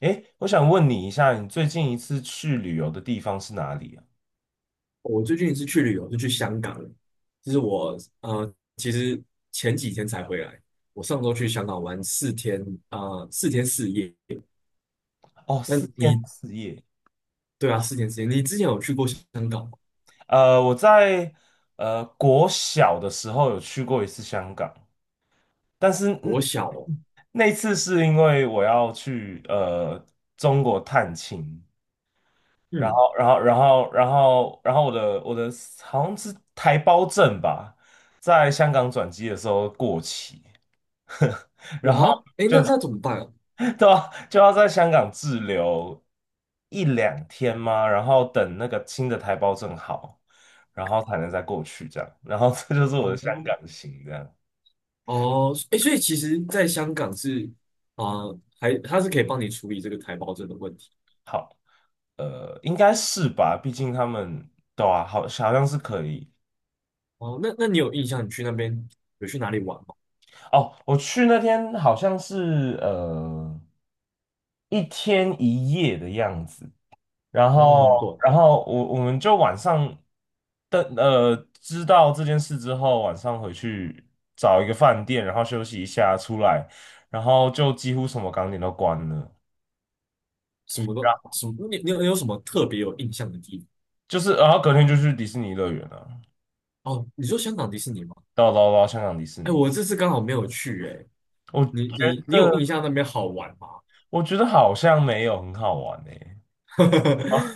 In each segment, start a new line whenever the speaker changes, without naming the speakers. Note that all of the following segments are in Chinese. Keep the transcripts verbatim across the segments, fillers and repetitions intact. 诶，我想问你一下，你最近一次去旅游的地方是哪里啊？
我最近一次去旅游是去香港，就是我呃，其实前几天才回来。我上周去香港玩四天，啊、四天四夜。
哦，
那
四天
你
四夜。
对啊，四天四夜。你之前有去过香港吗？
呃，我在呃国小的时候有去过一次香港，但是
我
嗯
小哦，
那次是因为我要去呃中国探亲，然
嗯，
后然后然后然后然后我的我的好像是台胞证吧，在香港转机的时候过期，然后。
哇，哎，
就。
那那怎么办啊？
对啊，就要在香港滞留一两天吗？然后等那个新的台胞证好，然后才能再过去这样。然后这就是我的
哦
香港行这样。
哦，哎，所以其实在香港是啊、还他是可以帮你处理这个台胞证的问题。
好，呃，应该是吧，毕竟他们对啊，好，好像是可以。
哦，那那你有印象你去那边有去哪里玩吗？
哦，我去那天好像是呃一天一夜的样子。然
真的
后，
很短，
然后我我们就晚上的呃知道这件事之后，晚上回去找一个饭店，然后休息一下，出来，然后就几乎什么港点都关了，
什么
然
都
后
什么，你你有你有什么特别有印象的地方？
就是，然后隔天就去迪士尼乐园了，
哦，你说香港迪士尼吗？
到到到香港迪士
哎，
尼，
我这次刚好没有去哎。
我
你
觉
你你
得
有印象那边好玩吗？
我觉得好像没有很好玩诶、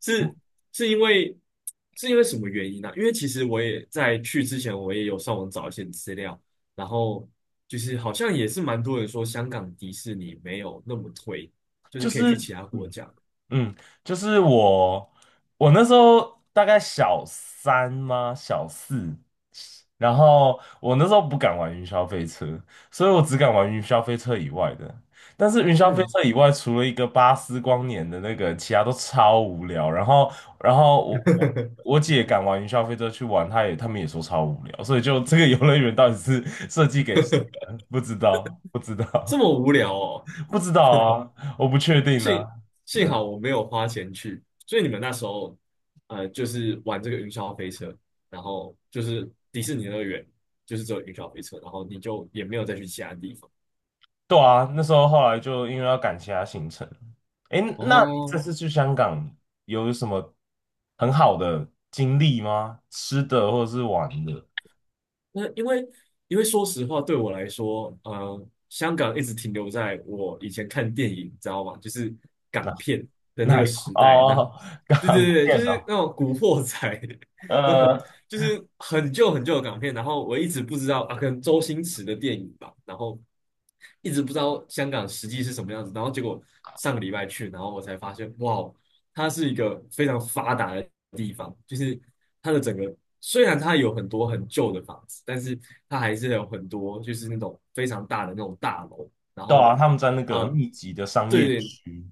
是是因为是因为什么原因呢、因为其实我也在去之前，我也有上网找一些资料，然后就是好像也是蛮多人说香港迪士尼没有那么推，就是
就
可以
是。
去其他国
嗯。
家。
嗯，就是我，我那时候大概小三吗？小四，然后我那时候不敢玩云霄飞车，所以我只敢玩云霄飞车以外的。但是云霄飞
嗯，
车以外，除了一个巴斯光年的那个，其他都超无聊。然后，然后我我 我姐敢玩云霄飞车去玩，她也他们也说超无聊，所以就这个游乐园到底是设计给谁的不知道，不知道，
这么无聊哦。
不知道啊，我不确定
幸
啊。
幸
嗯
好我没有花钱去，所以你们那时候呃就是玩这个云霄飞车，然后就是迪士尼乐园就是只有云霄飞车，然后你就也没有再去其他地方。
对啊，那时候后来就因为要赶其他行程。诶，那你这
哦，
次去香港有什么很好的经历吗？吃的或者是玩的？
那因为因为说实话，对我来说，呃，香港一直停留在我以前看电影，你知道吗？就是港
哪
片的那
哪
个
一块？
时代，那后
哦，
对对
港
对，就
片
是
哦，
那种古惑仔，
呃，
就是很旧很旧的港片，然后我一直不知道啊，可能周星驰的电影吧，然后一直不知道香港实际是什么样子，然后结果上个礼拜去，然后我才发现，哇哦，它是一个非常发达的地方，就是它的整个虽然它有很多很旧的房子，但是它还是有很多就是那种非常大的那种大楼，然
对啊，
后
他们在那个
呃，
密集的商
对
业
对，
区，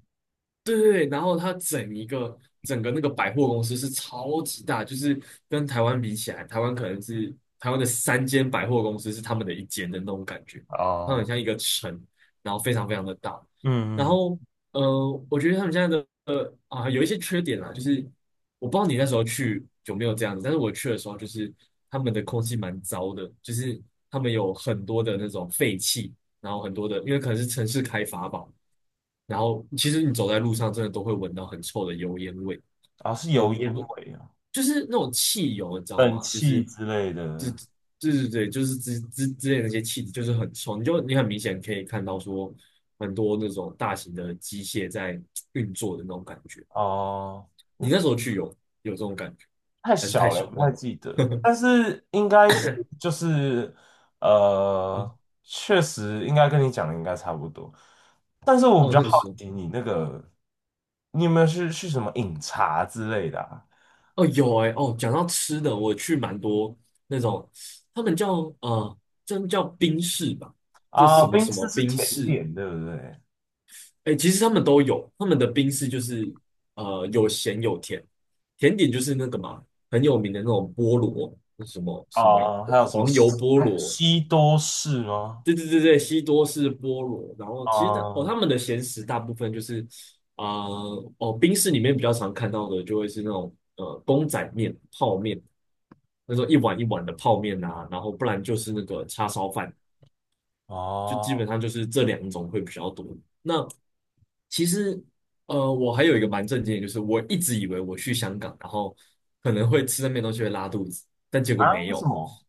对对对然后它整一个整个那个百货公司是超级大，就是跟台湾比起来，台湾可能是台湾的三间百货公司是他们的一间的那种感觉，它很
哦，
像一个城，然后非常非常的大。然
嗯嗯，
后呃，我觉得他们现在的呃啊有一些缺点啦，就是我不知道你那时候去有没有这样子，但是我去的时候就是他们的空气蛮糟的，就是他们有很多的那种废气。然后很多的，因为可能是城市开发吧，然后其实你走在路上，真的都会闻到很臭的油烟味。
啊、是
我
油烟
我不
味啊，
就是那种汽油，你知道
冷
吗？就
气
是
之类
这
的，
对对对，就是之之之类的那些气体，就是很臭。你就你很明显可以看到说，很多那种大型的机械在运作的那种感觉。
哦。
你那时候去有有这种感觉，
太
还是太
小了，
小
不太
忘了？
记得，但是应该是就是呃，确实应该跟你讲的应该差不多。但是我比
哦，
较
那个
好
时候。
奇你那个，你有没有去去什么饮茶之类的啊？
哦，有哎、哦，讲到吃的，我去蛮多那种，他们叫呃，真叫冰室吧，就什
啊，
么
冰
什
丝
么
是
冰
甜
室，
点，对不对？
哎、其实他们都有，他们的冰室就是呃有咸有甜，甜点就是那个嘛，很有名的那种菠萝，什么什么
啊，还有什么
黄
西
油菠萝，
西多士吗？
对对对对，西多士菠萝，然后其实的哦，他
啊，
们的咸食大部分就是啊、呃哦，冰室里面比较常看到的就会是那种呃公仔面、泡面。那时候一碗一碗的泡面啊，然后不然就是那个叉烧饭，就基
哦
本上就是这两种会比较多。那其实，呃，我还有一个蛮震惊的，就是我一直以为我去香港，然后可能会吃那边东西会拉肚子，但结果
啊，
没
为什
有，
么？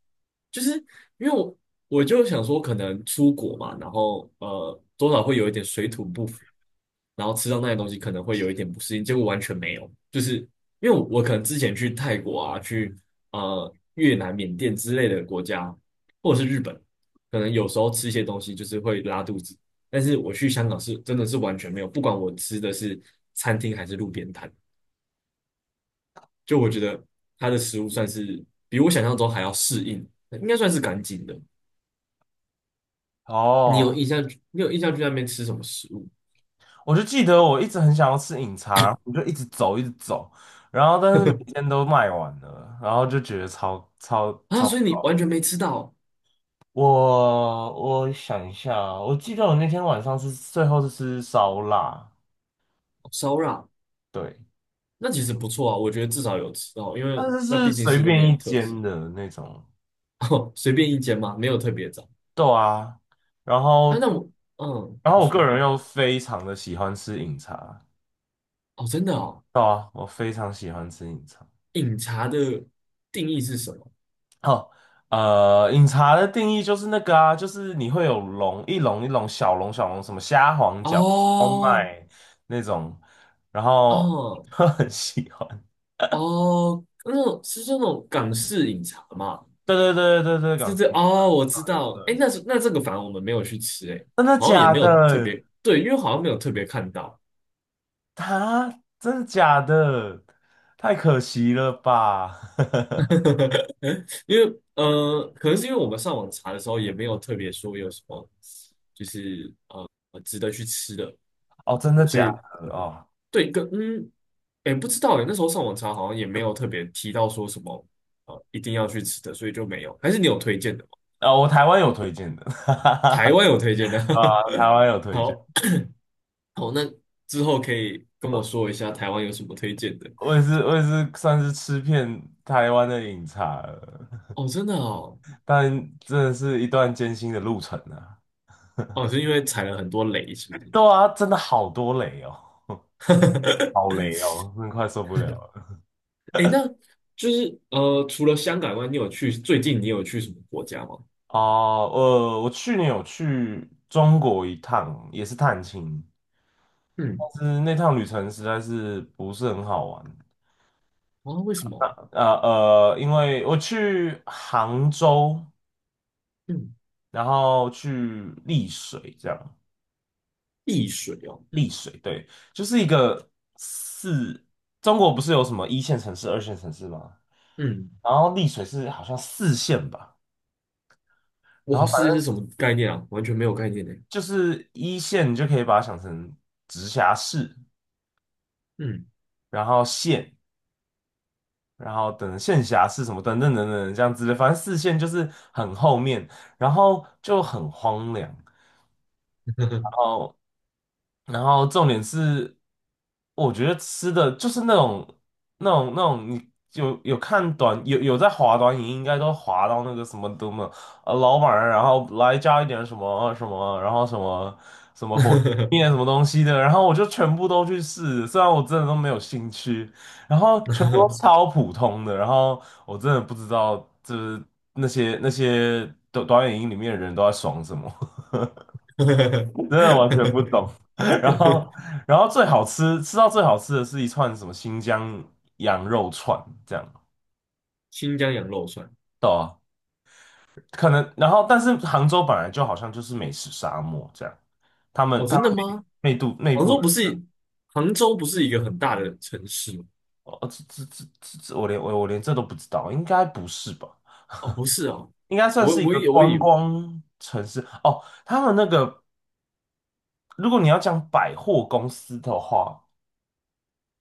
就是因为我我就想说，可能出国嘛，然后呃，多少会有一点水土不服，然后吃到那些东西可能会有一点不适应，结果完全没有，就是因为我我可能之前去泰国啊，去呃越南、缅甸之类的国家，或者是日本，可能有时候吃一些东西就是会拉肚子，但是我去香港是真的是完全没有，不管我吃的是餐厅还是路边摊，就我觉得它的食物算是比我想象中还要适应，应该算是干净的。你有
哦。
印象？你有印象去那边吃什么食物
我就记得我一直很想要吃饮茶，然后我就一直走，一直走，然后但是每天 都卖完了，然后就觉得超超
啊？所
超。
以你完全没吃到哦
我我想一下啊我记得我那天晚上是最后是吃烧腊，
烧肉啊。
对，
那其实不错啊，我觉得至少有吃到，因为
但是
那
是
毕竟
随
是那
便
边
一
的特色。
间的那种，
哦，随便一间嘛，没有特别找。
对啊。然
啊，
后
那我，嗯，
然后
你
我
说，
个人又非常的喜欢吃饮茶，
哦，真的哦，
对啊，我非常喜欢吃饮茶。
饮茶的定义是什么？
哦，呃，饮茶的定义就是那个啊，就是你会有龙，一笼一笼小笼小笼，什么虾皇饺、烧
哦，
麦那种，然后
哦，
很喜欢。
哦，那种是那种港式饮茶嘛？
对对对对对，港
是
式
这，
饮
哦，我
茶，
知
对
道。哎，
对，
那是那这个反而我们没有去吃，哎，
真的
好像也
假
没有特
的？
别，对，因为好像没有特别看到。
他真的假的？太可惜了吧？
因为呃，可能是因为我们上网查的时候也没有特别说有什么，就是呃值得去吃的，
哦，真的
所
假
以
的？哦，
对，跟嗯，哎，不知道哎，那时候上网查好像也没有特别提到说什么呃一定要去吃的，所以就没有。还是你有推荐的吗？
啊、我台湾有推荐的，
台 湾有推荐的？
啊，台 湾有推荐。
好，好，那之后可以跟我说一下台湾有什么推荐的
我也是，我也是算是吃遍台湾的饮茶了，
哦，真的哦，
但真的是一段艰辛的路程啊。
哦，是因为踩了很多雷，是不是？
对啊，真的好多雷哦，好雷哦，真的快受不了了。
哎，那就是呃，除了香港外，你有去最近你有去什么国家吗？
哦，呃，我去年有去中国一趟，也是探亲，
嗯，
但是那趟旅程实在是不是很好玩。
啊，为什么？
呃呃，因为我去杭州，
嗯，
然后去丽水这样。
避水哦。
丽水，对，就是一个四，中国不是有什么一线城市、二线城市吗？
嗯，
然后丽水是好像四线吧，然
哇，
后反
世界是
正
什么概念啊？完全没有概念呢。
就是一线，你就可以把它想成直辖市，
嗯，
然后县，然后等县辖市什么等等等等这样子的，反正四线就是很后面，然后就很荒凉。然后重点是，我觉得吃的就是那种、那种、那种，你有有看短有有在滑短影，应该都滑到那个什么的嘛，呃，老板啊，然后来加一点什么什么，然后什么什么火面什么东西的，然后我就全部都去试，虽然我真的都没有兴趣，然后全部都 超普通的，然后我真的不知道，就是那些那些短短影音里面的人都在爽什么。真的完全不懂。然后，然后最好吃，吃到最好吃的是一串什么新疆羊肉串，这样，
新疆羊肉串
对啊可能，然后，但是杭州本来就好像就是美食沙漠这样，他们
哦，
他
真
们
的吗？
内内部内
杭
部
州不
人
是杭州不是一个很大的城市吗？
哦，这这这这，这我连我我连这都不知道，应该不是吧？
哦，不是哦，
应该算
我
是一
我
个
以我
观
以为
光城市哦。他们那个，如果你要讲百货公司的话，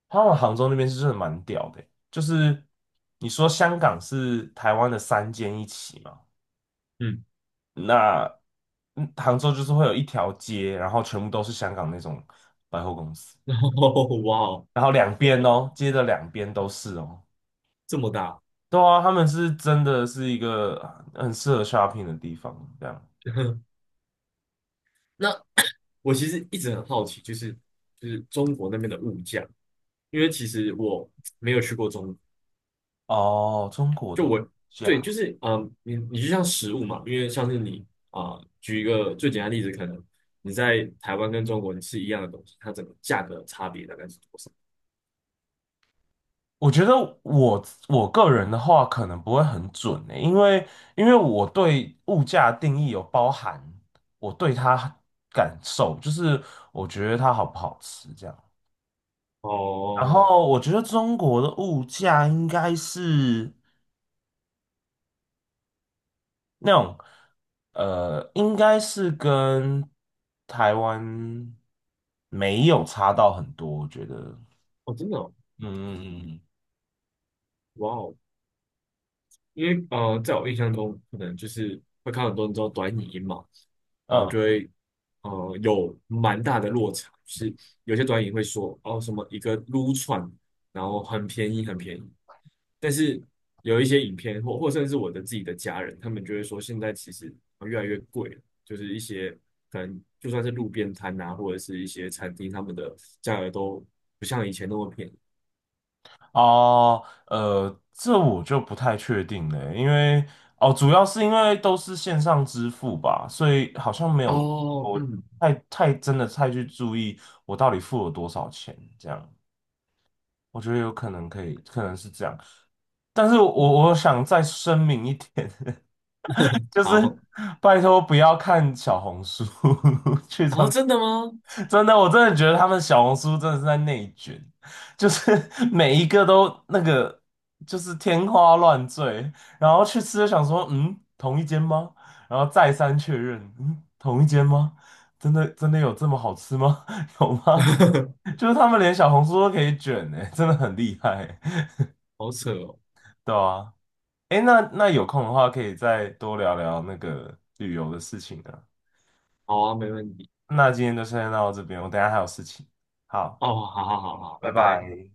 他们杭州那边是真的蛮屌的欸就是你说香港是台湾的三间一起嘛，
嗯，
那嗯杭州就是会有一条街，然后全部都是香港那种百货公司，
哇哦，
然后两边哦，街的两边都是哦，
这么大。
对啊，他们是真的是一个很适合 shopping 的地方，这样
那我其实一直很好奇，就是就是中国那边的物价，因为其实我没有去过中国。
哦，中国的
对，
假
就是嗯，你你就像食物嘛，因为像是你啊、举一个最简单的例子，可能你在台湾跟中国你吃一样的东西，它整个价格差别大概是多少？
我觉得我我个人的话可能不会很准呢、因为因为我对物价的定义有包含我对它感受，就是我觉得它好不好吃这样。然
哦，
后我觉得中国的物价应该是那种呃，应该是跟台湾没有差到很多，我觉得。
哦，真的哦，
嗯嗯嗯
哇哦，因为呃，在我印象中，可能就是会看很多人做短影音嘛，然后
嗯。
就
嗯
会呃有蛮大的落差，就是有些短影会说哦什么一个撸串，然后很便宜很便宜，但是有一些影片或或甚至我的自己的家人，他们就会说现在其实呃越来越贵了，就是一些可能就算是路边摊呐，或者是一些餐厅，他们的价格都不像以前那么便宜。
哦，呃，这我就不太确定了，因为哦，主要是因为都是线上支付吧，所以好像没有
哦，
我
嗯，
太太真的太去注意我到底付了多少钱，这样我觉得有可能可以，可能是这样，但是我我想再声明一点，就是
好，
拜托不要看小红书，去
然后
中
真的吗？
真的，我真的觉得他们小红书真的是在内卷，就是 每一个都那个就是天花乱坠，然后去吃就想说，嗯，同一间吗？然后再三确认，嗯，同一间吗？真的真的有这么好吃吗？有吗？就是他们连小红书都可以卷呢、真的很厉害欸、
好扯哦。
对啊，哎，那那有空的话可以再多聊聊那个旅游的事情啊。
好啊，没问题。
那今天就先到这边，我等一下还有事情。好，
哦，好好好好，拜
拜
拜。
拜。